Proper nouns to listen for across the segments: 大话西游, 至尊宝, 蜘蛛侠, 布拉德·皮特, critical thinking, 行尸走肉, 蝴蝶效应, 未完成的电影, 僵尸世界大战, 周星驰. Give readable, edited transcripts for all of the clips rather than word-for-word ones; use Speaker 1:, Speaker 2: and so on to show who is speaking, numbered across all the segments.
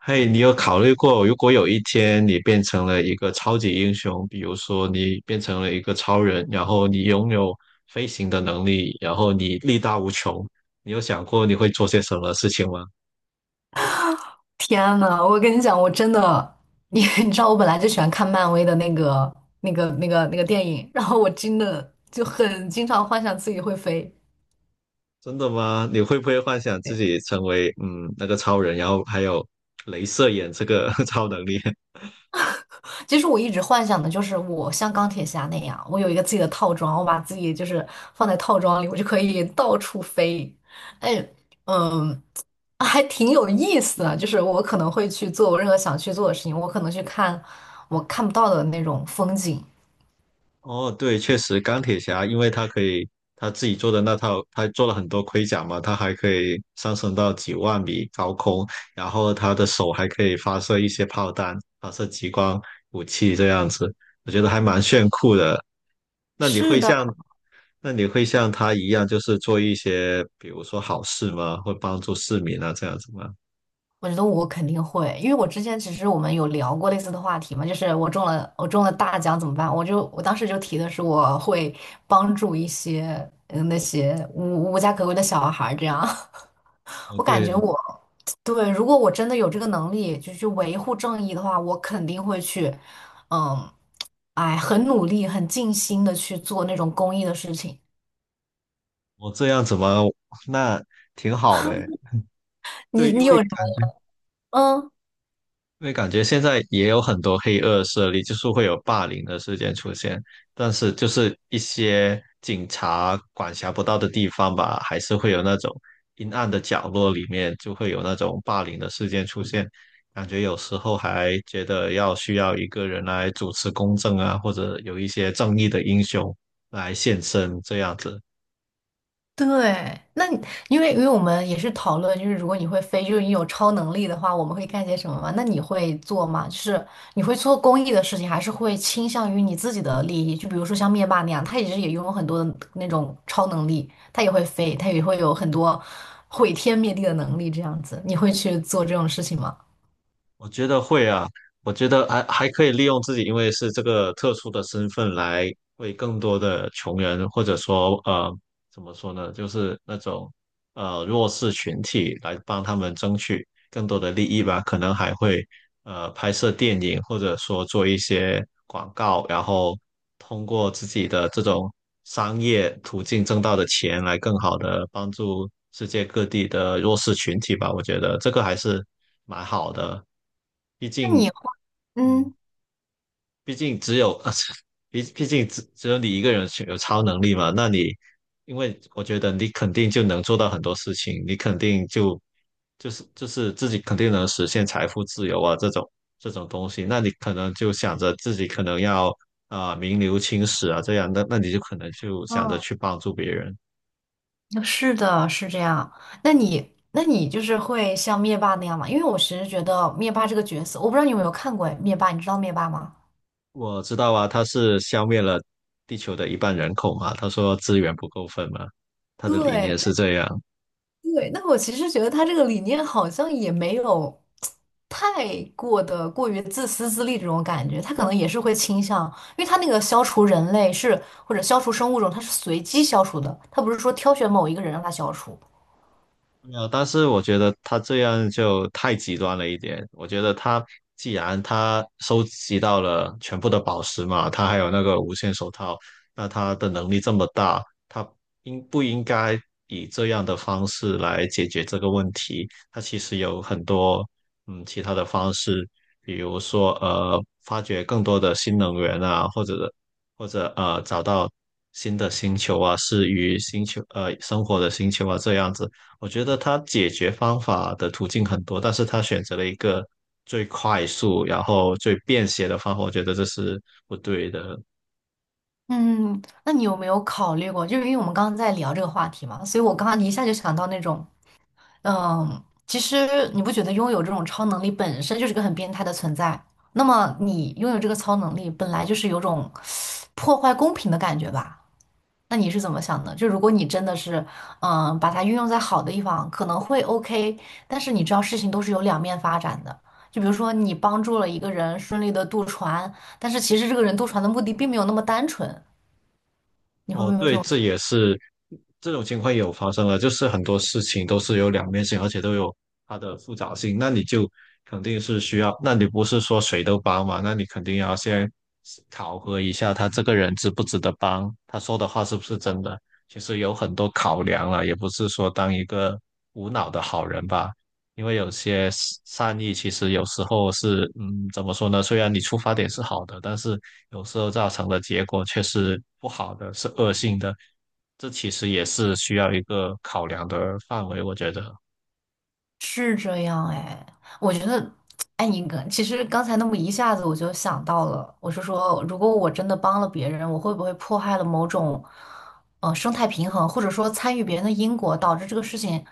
Speaker 1: 嘿，你有考虑过，如果有一天你变成了一个超级英雄，比如说你变成了一个超人，然后你拥有飞行的能力，然后你力大无穷，你有想过你会做些什么事情吗？
Speaker 2: 天呐，我跟你讲，我真的，你 你知道，我本来就喜欢看漫威的那个电影，然后我真的就很经常幻想自己会飞。
Speaker 1: 真的吗？你会不会幻想自
Speaker 2: 对，
Speaker 1: 己成为那个超人，然后还有镭射眼这个 超能力？
Speaker 2: 其实我一直幻想的就是我像钢铁侠那样，我有一个自己的套装，我把自己就是放在套装里，我就可以到处飞。哎，嗯，还挺有意思的，就是我可能会去做我任何想去做的事情，我可能去看我看不到的那种风景。
Speaker 1: 哦，对，确实，钢铁侠，因为他可以他自己做的那套，他做了很多盔甲嘛，他还可以上升到几万米高空，然后他的手还可以发射一些炮弹，发射激光武器这样子，我觉得还蛮炫酷的。那你
Speaker 2: 是
Speaker 1: 会
Speaker 2: 的。
Speaker 1: 像那你会像他一样，就是做一些比如说好事吗？会帮助市民啊这样子吗？
Speaker 2: 我觉得我肯定会，因为我之前其实我们有聊过类似的话题嘛，就是我中了大奖怎么办？我当时就提的是我会帮助一些那些无家可归的小孩儿这样，
Speaker 1: 哦，
Speaker 2: 我感觉
Speaker 1: 对，
Speaker 2: 我对，如果我真的有这个能力，就去维护正义的话，我肯定会去，嗯，哎，很努力、很尽心的去做那种公益的事情。
Speaker 1: 我这样子吗？那挺好的诶。对，
Speaker 2: 你
Speaker 1: 因
Speaker 2: 你
Speaker 1: 为
Speaker 2: 有什么？
Speaker 1: 感觉。
Speaker 2: 嗯。
Speaker 1: 因为感觉现在也有很多黑恶势力，就是会有霸凌的事件出现，但是就是一些警察管辖不到的地方吧，还是会有那种阴暗的角落里面就会有那种霸凌的事件出现，感觉有时候还觉得要需要一个人来主持公正啊，或者有一些正义的英雄来现身这样子。
Speaker 2: 对，那你因为我们也是讨论，就是如果你会飞，就是你有超能力的话，我们会干些什么嘛？那你会做吗？就是你会做公益的事情，还是会倾向于你自己的利益？就比如说像灭霸那样，他也是也拥有很多的那种超能力，他也会飞，他也会有很多毁天灭地的能力，这样子，你会去做这种事情吗？
Speaker 1: 我觉得会啊，我觉得还可以利用自己，因为是这个特殊的身份来为更多的穷人，或者说怎么说呢，就是那种弱势群体来帮他们争取。更多的利益吧，可能还会拍摄电影，或者说做一些广告，然后通过自己的这种商业途径挣到的钱来更好的帮助世界各地的弱势群体吧。我觉得这个还是蛮好的，毕
Speaker 2: 那你
Speaker 1: 竟，
Speaker 2: 会
Speaker 1: 嗯，
Speaker 2: 嗯，
Speaker 1: 毕竟只有，毕竟只有你一个人是有超能力嘛，那你。因为我觉得你肯定就能做到很多事情，你肯定就就是自己肯定能实现财富自由啊，这种东西，那你可能就想着自己可能要啊、名留青史啊，这样，那你就可能就想着去
Speaker 2: 嗯
Speaker 1: 帮助别人。
Speaker 2: 是的，是这样。那你，那你就是会像灭霸那样吗？因为我其实觉得灭霸这个角色，我不知道你有没有看过灭霸，你知道灭霸吗？
Speaker 1: 我知道啊，他是消灭了地球的一半人口嘛，他说资源不够分嘛，他的理念是
Speaker 2: 对
Speaker 1: 这样。
Speaker 2: 对，那我其实觉得他这个理念好像也没有太过的过于自私自利这种感觉，他可能也是会倾向，因为他那个消除人类是或者消除生物种，他是随机消除的，他不是说挑选某一个人让他消除。
Speaker 1: 没有，但是我觉得他这样就太极端了一点。我觉得他既然他收集到了全部的宝石嘛，他还有那个无限手套，那他的能力这么大，他应不应该以这样的方式来解决这个问题？他其实有很多其他的方式，比如说发掘更多的新能源啊，或者找到新的星球啊，适于星球生活的星球啊这样子。我觉得他解决方法的途径很多，但是他选择了一个最快速，然后最便携的方法，我觉得这是不对的。
Speaker 2: 嗯，那你有没有考虑过？就是因为我们刚刚在聊这个话题嘛，所以我刚刚一下就想到那种嗯，其实你不觉得拥有这种超能力本身就是个很变态的存在？那么你拥有这个超能力，本来就是有种破坏公平的感觉吧？那你是怎么想的？就如果你真的是，嗯，把它运用在好的地方，可能会 OK，但是你知道事情都是有两面发展的。就比如说你帮助了一个人顺利的渡船，但是其实这个人渡船的目的并没有那么单纯，你会不
Speaker 1: 哦，
Speaker 2: 会有这
Speaker 1: 对，
Speaker 2: 种？
Speaker 1: 这也是这种情况也有发生了，就是很多事情都是有两面性，而且都有它的复杂性。那你就肯定是需要，那你不是说谁都帮嘛？那你肯定要先考核一下他这个人值不值得帮，他说的话是不是真的。其实有很多考量了，也不是说当一个无脑的好人吧。因为有些是善意其实有时候是，嗯，怎么说呢？虽然你出发点是好的，但是有时候造成的结果却是不好的，是恶性的。这其实也是需要一个考量的范围，我觉得。
Speaker 2: 是这样哎，我觉得，哎，你刚其实刚才那么一下子我就想到了，我是说，如果我真的帮了别人，我会不会破坏了某种，生态平衡，或者说参与别人的因果，导致这个事情，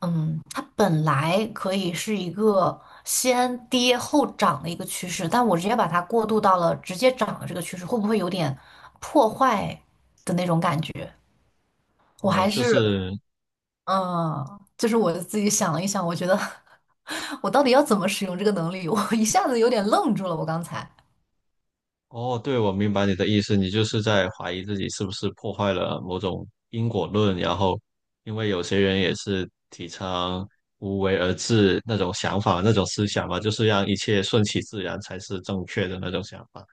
Speaker 2: 嗯，它本来可以是一个先跌后涨的一个趋势，但我直接把它过渡到了直接涨的这个趋势，会不会有点破坏的那种感觉？我
Speaker 1: 哦，
Speaker 2: 还
Speaker 1: 就
Speaker 2: 是，
Speaker 1: 是，
Speaker 2: 嗯，就是我自己想了一想，我觉得。我到底要怎么使用这个能力？我一下子有点愣住了，我刚才。
Speaker 1: 哦，对，我明白你的意思，你就是在怀疑自己是不是破坏了某种因果论，然后因为有些人也是提倡无为而治那种想法、那种思想嘛，就是让一切顺其自然才是正确的那种想法。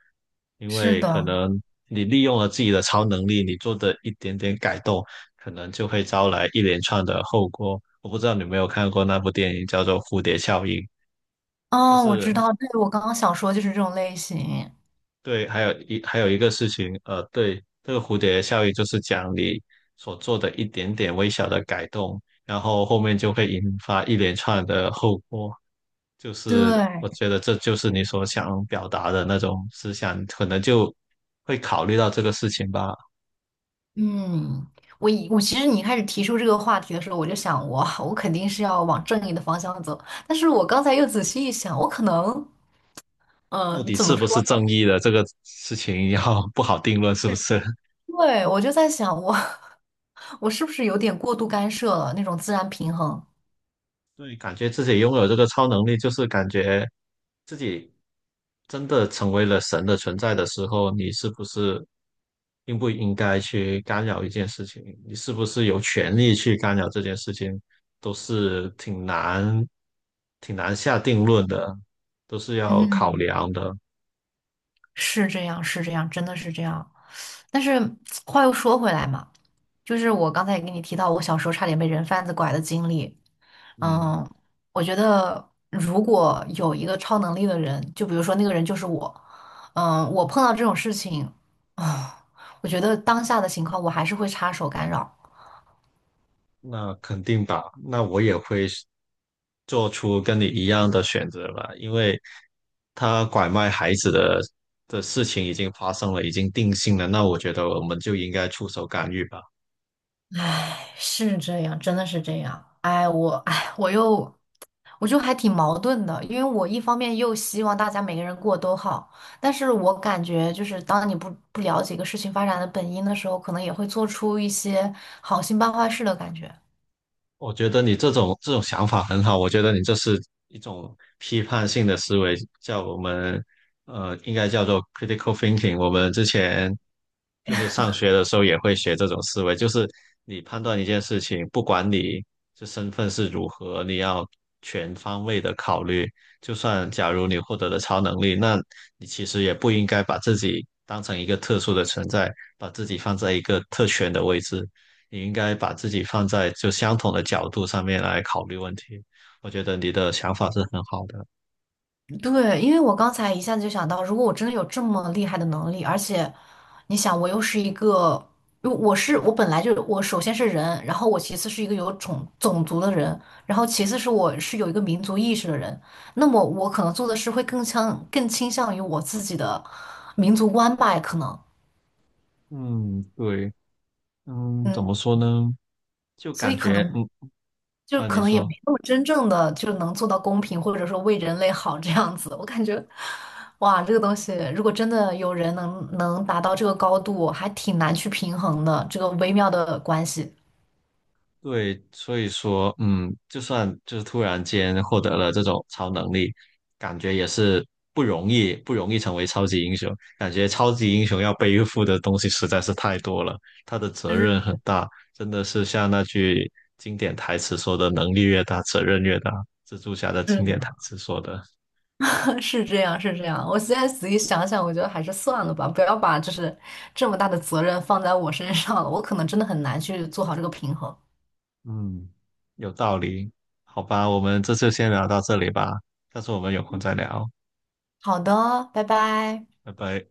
Speaker 1: 因
Speaker 2: 是
Speaker 1: 为可
Speaker 2: 的，
Speaker 1: 能你利用了自己的超能力，你做的一点点改动，可能就会招来一连串的后果。我不知道你有没有看过那部电影，叫做《蝴蝶效应》，就
Speaker 2: 哦，我知
Speaker 1: 是
Speaker 2: 道，对，我刚刚想说就是这种类型。
Speaker 1: 对，还有一个事情，对，这个蝴蝶效应就是讲你所做的一点点微小的改动，然后后面就会引发一连串的后果。就是我
Speaker 2: 对，
Speaker 1: 觉得这就是你所想表达的那种思想，可能就会考虑到这个事情吧。
Speaker 2: 嗯，我其实你开始提出这个话题的时候，我就想我肯定是要往正义的方向走，但是我刚才又仔细一想，我可能，
Speaker 1: 到
Speaker 2: 嗯、
Speaker 1: 底
Speaker 2: 怎
Speaker 1: 是
Speaker 2: 么
Speaker 1: 不
Speaker 2: 说？
Speaker 1: 是正义的这个事情要不好定论，是不是？
Speaker 2: 对，我就在想我 我是不是有点过度干涉了那种自然平衡？
Speaker 1: 对，感觉自己拥有这个超能力，就是感觉真的成为了神的存在的时候，你是不是应不应该去干扰一件事情？你是不是有权利去干扰这件事情，都是挺难下定论的，都是要考
Speaker 2: 嗯，
Speaker 1: 量的。
Speaker 2: 是这样，是这样，真的是这样。但是话又说回来嘛，就是我刚才也跟你提到，我小时候差点被人贩子拐的经历。
Speaker 1: 嗯。
Speaker 2: 嗯，我觉得如果有一个超能力的人，就比如说那个人就是我，嗯，我碰到这种事情，啊，我觉得当下的情况我还是会插手干扰。
Speaker 1: 那肯定吧，那我也会是做出跟你一样的选择吧，因为他拐卖孩子的的事情已经发生了，已经定性了，那我觉得我们就应该出手干预吧。
Speaker 2: 是这样，真的是这样。哎，我又还挺矛盾的，因为我一方面又希望大家每个人过得都好，但是我感觉就是当你不了解一个事情发展的本因的时候，可能也会做出一些好心办坏事的感觉。
Speaker 1: 我觉得你这种想法很好，我觉得你这是一种批判性的思维，叫我们应该叫做 critical thinking。我们之前就是上学的时候也会学这种思维，就是你判断一件事情，不管你这身份是如何，你要全方位的考虑。就算假如你获得了超能力，那你其实也不应该把自己当成一个特殊的存在，把自己放在一个特权的位置。你应该把自己放在就相同的角度上面来考虑问题。我觉得你的想法是很好的。
Speaker 2: 对，因为我刚才一下子就想到，如果我真的有这么厉害的能力，而且你想，我又是一个，因为我本来就我首先是人，然后我其次是一个有种族的人，然后其次是我是有一个民族意识的人，那么我可能做的事会更倾向于我自己的民族观吧，可能。
Speaker 1: 嗯，对，嗯，怎
Speaker 2: 嗯。
Speaker 1: 么说呢？就
Speaker 2: 所
Speaker 1: 感
Speaker 2: 以可
Speaker 1: 觉，
Speaker 2: 能
Speaker 1: 嗯，啊，你
Speaker 2: 也
Speaker 1: 说，
Speaker 2: 没那么真正的就能做到公平，或者说为人类好这样子。我感觉，哇，这个东西如果真的有人能达到这个高度，还挺难去平衡的，这个微妙的关系。
Speaker 1: 对，所以说，嗯，就算就是突然间获得了这种超能力，感觉也是不容易，不容易成为超级英雄。感觉超级英雄要背负的东西实在是太多了，他的责任
Speaker 2: 嗯，
Speaker 1: 很大，真的是像那句经典台词说的：“能力越大，责任越大。”蜘蛛侠的经典
Speaker 2: 是
Speaker 1: 台词说的，
Speaker 2: 的 是这样，是这样。我现在仔细想想，我觉得还是算了吧，不要把就是这么大的责任放在我身上了，我可能真的很难去做好这个平衡。
Speaker 1: 嗯，有道理。好吧，我们这次先聊到这里吧，下次我们有空再聊，
Speaker 2: 好的，拜拜。
Speaker 1: 拜拜。